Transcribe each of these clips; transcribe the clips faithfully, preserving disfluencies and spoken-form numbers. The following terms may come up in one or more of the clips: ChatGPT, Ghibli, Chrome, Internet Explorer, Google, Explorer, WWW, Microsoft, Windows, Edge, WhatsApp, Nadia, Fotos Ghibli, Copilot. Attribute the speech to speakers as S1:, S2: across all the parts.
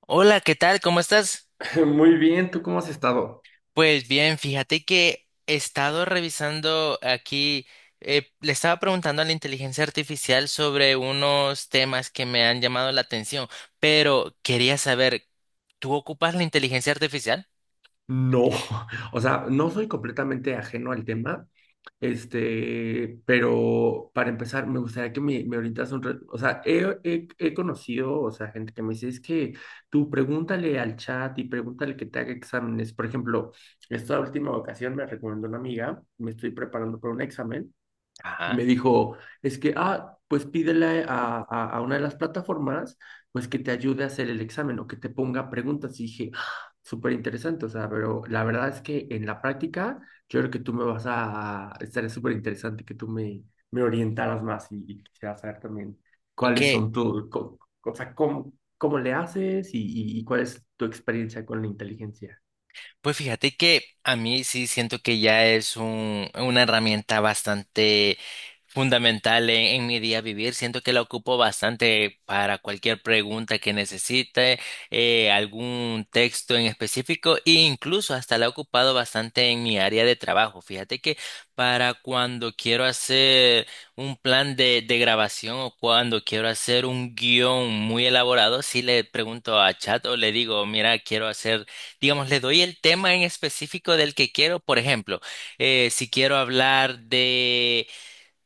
S1: Hola, ¿qué tal? ¿Cómo estás?
S2: Muy bien, ¿tú cómo has estado?
S1: Pues bien, fíjate que he estado revisando aquí, eh, le estaba preguntando a la inteligencia artificial sobre unos temas que me han llamado la atención, pero quería saber, ¿tú ocupas la inteligencia artificial?
S2: No. O sea, no soy completamente ajeno al tema, este, pero para empezar, me gustaría que me, me orientas un... re- o sea, he, he- he conocido, o sea, gente que me dice, es que tú pregúntale al chat y pregúntale que te haga exámenes. Por ejemplo, esta última ocasión me recomendó una amiga, me estoy preparando para un examen. Y me
S1: Ajá.
S2: dijo, es que, ah, pues pídele a, a- a una de las plataformas, pues que te ayude a hacer el examen o que te ponga preguntas. Y dije, "Ah, súper interesante, o sea, pero la verdad es que en la práctica, yo creo que tú me vas a, estaría súper interesante que tú me, me orientaras más y, y quisiera saber también
S1: Ok.
S2: cuáles son tu, co- o sea, cómo, cómo le haces y, y y cuál es tu experiencia con la inteligencia.
S1: Pues fíjate que a mí sí siento que ya es un- una herramienta bastante fundamental en, en mi día a vivir. Siento que la ocupo bastante para cualquier pregunta que necesite, eh, algún texto en específico e incluso hasta la he ocupado bastante en mi área de trabajo. Fíjate que para cuando quiero hacer un plan de, de grabación o cuando quiero hacer un guión muy elaborado, sí le pregunto a chat o le digo, mira, quiero hacer, digamos, le doy el tema en específico del que quiero. Por ejemplo, eh, si quiero hablar de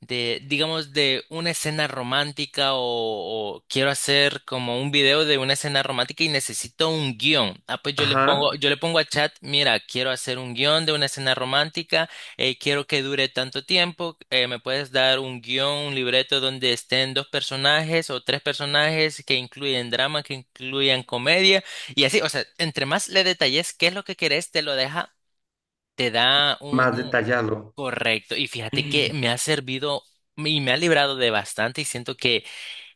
S1: de, digamos, de una escena romántica o, o quiero hacer como un video de una escena romántica y necesito un guión. Ah, pues yo le
S2: Ajá,
S1: pongo, yo le pongo a chat, mira, quiero hacer un guión de una escena romántica, eh, quiero que dure tanto tiempo, eh, me puedes dar un guión, un libreto donde estén dos personajes o tres personajes que incluyen drama, que incluyan comedia y así, o sea, entre más le detalles qué es lo que querés, te lo deja. Te da un
S2: más
S1: un-
S2: detallado.
S1: Correcto, y fíjate que me ha servido y me ha librado de bastante y siento que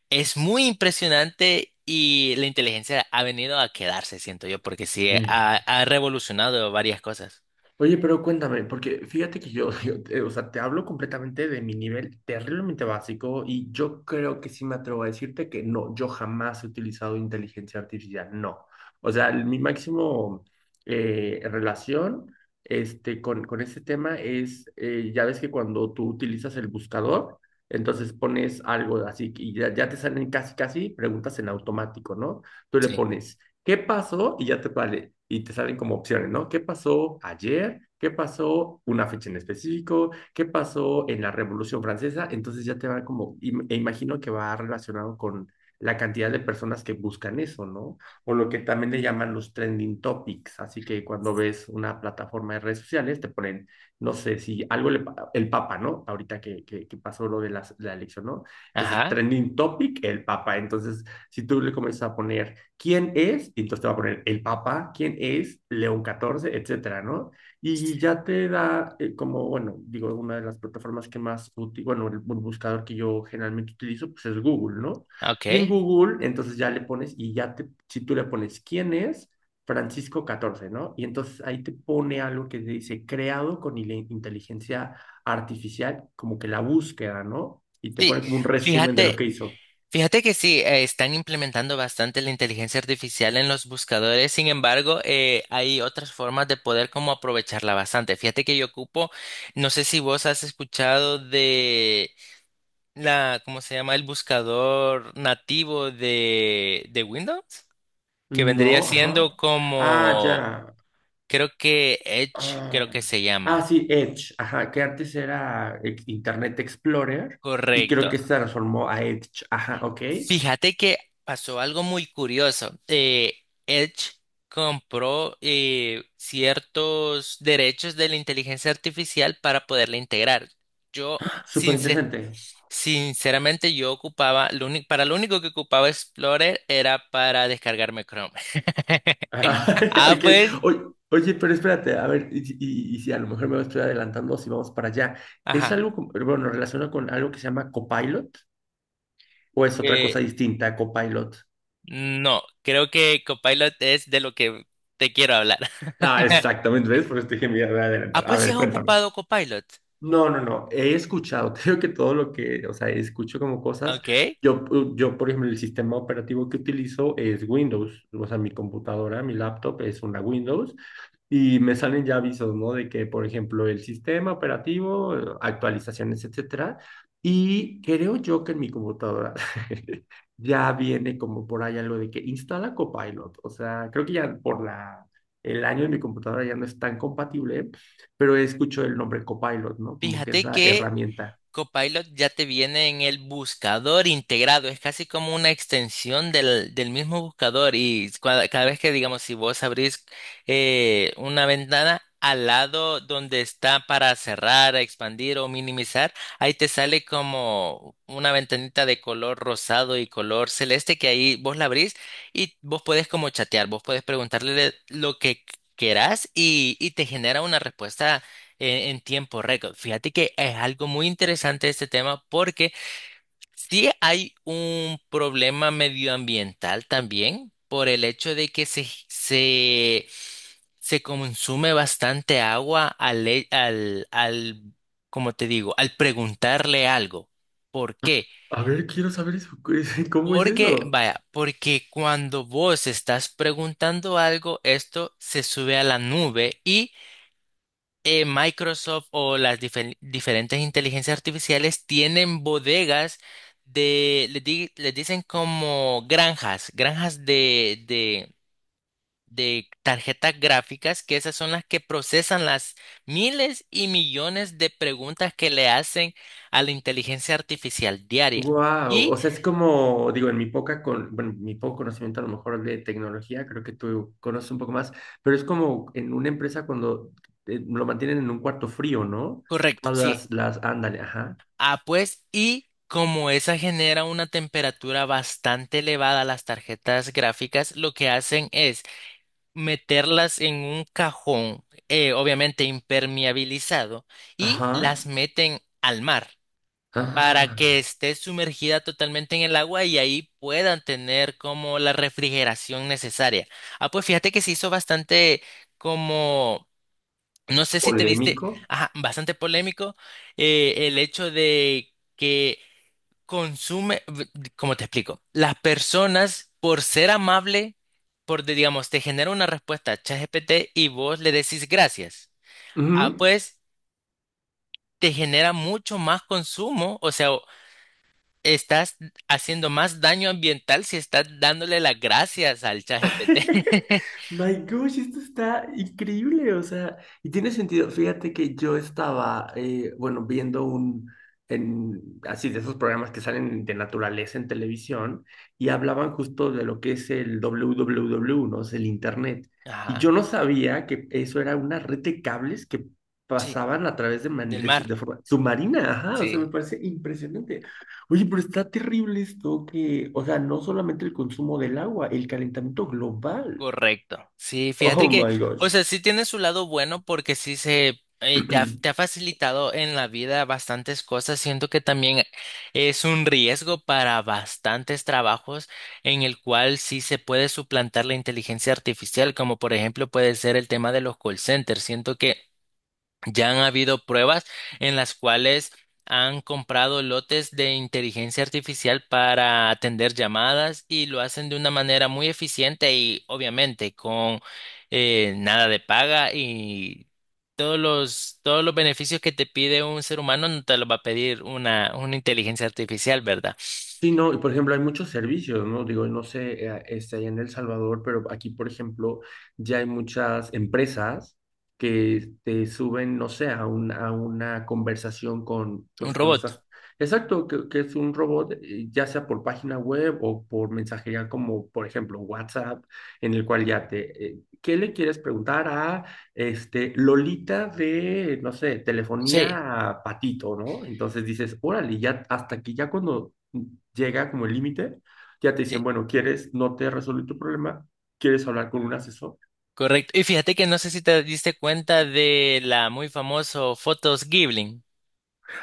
S1: es muy impresionante y la inteligencia ha venido a quedarse, siento yo, porque sí, eh, ha, ha revolucionado varias cosas.
S2: Oye, pero cuéntame, porque fíjate que yo, yo te- o sea, te hablo completamente de mi nivel terriblemente básico y yo creo que sí me atrevo a decirte que no, yo jamás he utilizado inteligencia artificial, no. O sea, el- mi máximo eh, relación este, con, con este tema es, eh, ya ves que cuando tú utilizas el buscador, entonces pones algo así y ya, ya te salen casi, casi preguntas en automático, ¿no? Tú le
S1: Sí.
S2: pones, ¿qué pasó? Y ya te vale, y te salen como opciones, ¿no? ¿Qué pasó ayer? ¿Qué pasó una fecha en específico? ¿Qué pasó en la Revolución Francesa? Entonces ya te va como, im- e imagino que va relacionado con la cantidad de personas que buscan eso, ¿no? O lo que también le llaman los trending topics. Así que cuando ves una plataforma de redes sociales, te ponen, no sé, si algo le, pa- el Papa, ¿no? Ahorita que, que, que pasó lo de la, la elección, ¿no? Entonces,
S1: Ajá,
S2: trending topic, el Papa. Entonces, si tú le comienzas a poner, ¿quién es? Y entonces te va a poner el Papa, ¿quién es? León catorce, etcétera, ¿no? Y ya te da, eh, como, bueno, digo, una de las plataformas que más útil, bueno, el, el buscador que yo generalmente utilizo, pues es Google, ¿no? Y en
S1: ok.
S2: Google, entonces ya le pones, y ya te, si tú le pones quién es, Francisco catorce, ¿no? Y entonces ahí te pone algo que dice creado con inteligencia artificial, como que la búsqueda, ¿no? Y te
S1: Sí,
S2: pone como un resumen de lo que
S1: fíjate,
S2: hizo.
S1: fíjate que sí, eh, están implementando bastante la inteligencia artificial en los buscadores, sin embargo, eh, hay otras formas de poder como aprovecharla bastante. Fíjate que yo ocupo, no sé si vos has escuchado de la, ¿cómo se llama? El buscador nativo de, de Windows, que vendría
S2: No,
S1: siendo
S2: ajá. Ah,
S1: como,
S2: ya.
S1: creo que Edge, creo
S2: Ah,
S1: que se
S2: ah,
S1: llama.
S2: sí, Edge, ajá, que antes era ex- Internet Explorer y
S1: Correcto.
S2: creo que se transformó a Edge, ajá, ok.
S1: Fíjate que pasó algo muy curioso. Eh, Edge compró, eh, ciertos derechos de la inteligencia artificial para poderla integrar. Yo,
S2: Súper
S1: sincer-
S2: interesante.
S1: sinceramente, yo ocupaba, lo uni- para lo único que ocupaba Explorer era para descargarme Chrome.
S2: Ajá,
S1: Ah,
S2: ok.
S1: pues,
S2: O- oye, pero espérate, a ver, y, si y- y si a lo mejor me estoy adelantando, si vamos para allá, ¿es
S1: ajá,
S2: algo, como- bueno, relacionado con algo que se llama Copilot o es otra cosa
S1: eh,
S2: distinta a Copilot?
S1: no, creo que Copilot es de lo que te quiero hablar.
S2: Ah, exactamente, ¿ves? Por eso te dije, mira, me voy a
S1: Ah,
S2: adelantar. A
S1: pues sí has
S2: ver, cuéntame.
S1: ocupado Copilot.
S2: No, no, no. He escuchado, creo que todo lo que, o sea, escucho como cosas.
S1: Ok,
S2: Yo, pu- yo, por ejemplo, el sistema operativo que utilizo es Windows. O sea, mi computadora, mi laptop es una Windows. Y me salen ya avisos, ¿no? De que, por ejemplo, el sistema operativo, eh, actualizaciones, etcétera. Y creo yo que en mi computadora ya viene como por ahí algo de que instala Copilot. O sea, creo que ya por la, el año de mi computadora ya no es tan compatible, pero escucho el nombre Copilot, ¿no? Como que es
S1: fíjate
S2: la
S1: que
S2: herramienta.
S1: Copilot ya te viene en el buscador integrado, es casi como una extensión del, del mismo buscador y cua- cada vez que, digamos, si vos abrís, eh, una ventana al lado donde está para cerrar, expandir o minimizar, ahí te sale como una ventanita de color rosado y color celeste que ahí vos la abrís y vos podés como chatear, vos podés preguntarle lo que querás y, y te genera una respuesta en, en tiempo récord. Fíjate que es algo muy interesante este tema porque sí hay un problema medioambiental también por el hecho de que se, se, se consume bastante agua al, e- al, al, como te digo, al preguntarle algo. ¿Por qué?
S2: A ver, quiero saber eso. ¿Cómo es
S1: Porque,
S2: eso?
S1: vaya, porque cuando vos estás preguntando algo, esto se sube a la nube y, eh, Microsoft o las difer- diferentes inteligencias artificiales tienen bodegas de, les, di- les dicen como granjas, granjas de, de, de tarjetas gráficas, que esas son las que procesan las miles y millones de preguntas que le hacen a la inteligencia artificial diaria.
S2: Wow, o
S1: Y,
S2: sea, es como, digo, en mi poca con, bueno, mi poco conocimiento a lo mejor de tecnología, creo que tú conoces un poco más, pero es como en una empresa cuando eh, lo mantienen en un cuarto frío, ¿no?
S1: correcto,
S2: Todas
S1: sí.
S2: las, las, ándale, ajá,
S1: Ah, pues, y como esa genera una temperatura bastante elevada, a las tarjetas gráficas lo que hacen es meterlas en un cajón, eh, obviamente impermeabilizado, y las
S2: ajá,
S1: meten al mar para que
S2: ah,
S1: esté sumergida totalmente en el agua y ahí puedan tener como la refrigeración necesaria. Ah, pues fíjate que se hizo bastante como, no sé si te diste,
S2: polémico.
S1: ajá, bastante polémico, eh, el hecho de que consume, ¿cómo te explico? Las personas, por ser amable, por, de- digamos, te genera una respuesta a ChatGPT y vos le decís gracias. Ah,
S2: Ujú.
S1: pues te genera mucho más consumo, o sea, o- estás haciendo más daño ambiental si estás dándole las gracias al ChatGPT.
S2: My gosh, esto está increíble, o sea, y tiene sentido. Fíjate que yo estaba, eh, bueno, viendo un, en, así de esos programas que salen de naturaleza en televisión y hablaban justo de lo que es el W W W, ¿no? Es el Internet. Y
S1: Ajá,
S2: yo no sabía que eso era una red de cables que
S1: sí,
S2: pasaban a través de, man-
S1: del
S2: de, su-
S1: mar,
S2: de forma submarina, ajá, o sea, me
S1: sí.
S2: parece impresionante. Oye, pero está terrible esto que, o sea, no solamente el consumo del agua, el calentamiento global.
S1: Correcto. Sí, fíjate
S2: Oh
S1: que,
S2: my
S1: o
S2: gosh.
S1: sea, sí tiene su lado bueno porque sí se, eh, te ha, te ha facilitado en la vida bastantes cosas. Siento que también es un riesgo para bastantes trabajos en el cual sí se puede suplantar la inteligencia artificial, como por ejemplo puede ser el tema de los call centers. Siento que ya han habido pruebas en las cuales han comprado lotes de inteligencia artificial para atender llamadas y lo hacen de una manera muy eficiente y obviamente con, eh, nada de paga y todos los, todos los beneficios que te pide un ser humano no te los va a pedir una, una inteligencia artificial, ¿verdad?
S2: Sí, no, y por ejemplo, hay muchos servicios, ¿no? Digo, no sé, eh, este, allá en El Salvador, pero aquí, por ejemplo, ya hay muchas empresas que te suben, no sé, a, un- a una conversación con,
S1: Un
S2: pues, con
S1: robot.
S2: estas. Exacto, que, que es un robot, eh, ya sea por página web o por mensajería, como por ejemplo WhatsApp, en el cual ya te, eh, ¿qué le quieres preguntar a este, Lolita de, no sé,
S1: Sí,
S2: telefonía a patito, ¿no? Entonces dices, órale, ya hasta aquí, ya cuando llega como el límite, ya te dicen,
S1: sí,
S2: bueno, ¿quieres? No te resolví tu problema, ¿quieres hablar con un asesor?
S1: correcto. Y fíjate que no sé si te diste cuenta de la muy famosa Fotos Ghibli.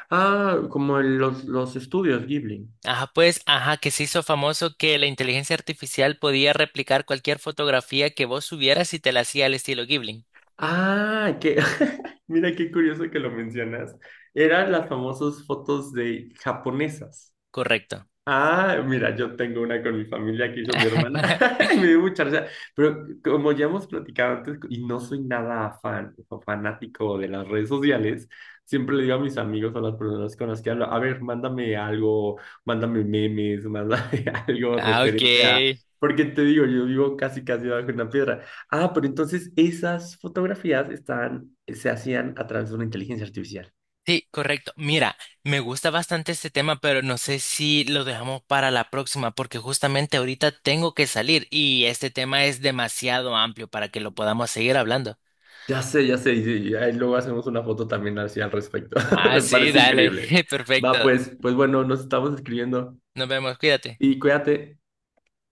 S2: Ah, como en los, los estudios Ghibli.
S1: Ajá, pues, ajá, que se hizo famoso que la inteligencia artificial podía replicar cualquier fotografía que vos subieras y te la hacía al estilo Ghibli.
S2: Ah, que, mira qué curioso que lo mencionas. Eran las famosas fotos de japonesas.
S1: Correcto.
S2: Ah, mira, yo tengo una con mi familia que hizo mi hermana. Y me dio mucha risa. Pero como ya hemos platicado antes, y no soy nada fan o fanático de las redes sociales, siempre le digo a mis amigos, a las personas con las que hablo, a ver, mándame algo, mándame memes, mándame algo
S1: Ah,
S2: referente a.
S1: ok.
S2: Porque te digo, yo vivo casi, casi bajo una piedra. Ah, pero entonces esas fotografías están, se hacían a través de una inteligencia artificial.
S1: Sí, correcto. Mira, me gusta bastante este tema, pero no sé si lo dejamos para la próxima, porque justamente ahorita tengo que salir y este tema es demasiado amplio para que lo podamos seguir hablando.
S2: Ya sé, ya sé, y, y ahí luego hacemos una foto también así al respecto.
S1: Ah,
S2: Me
S1: sí,
S2: parece
S1: dale.
S2: increíble. Va,
S1: Perfecto.
S2: pues, pues, bueno, nos estamos escribiendo
S1: Nos vemos, cuídate.
S2: y cuídate.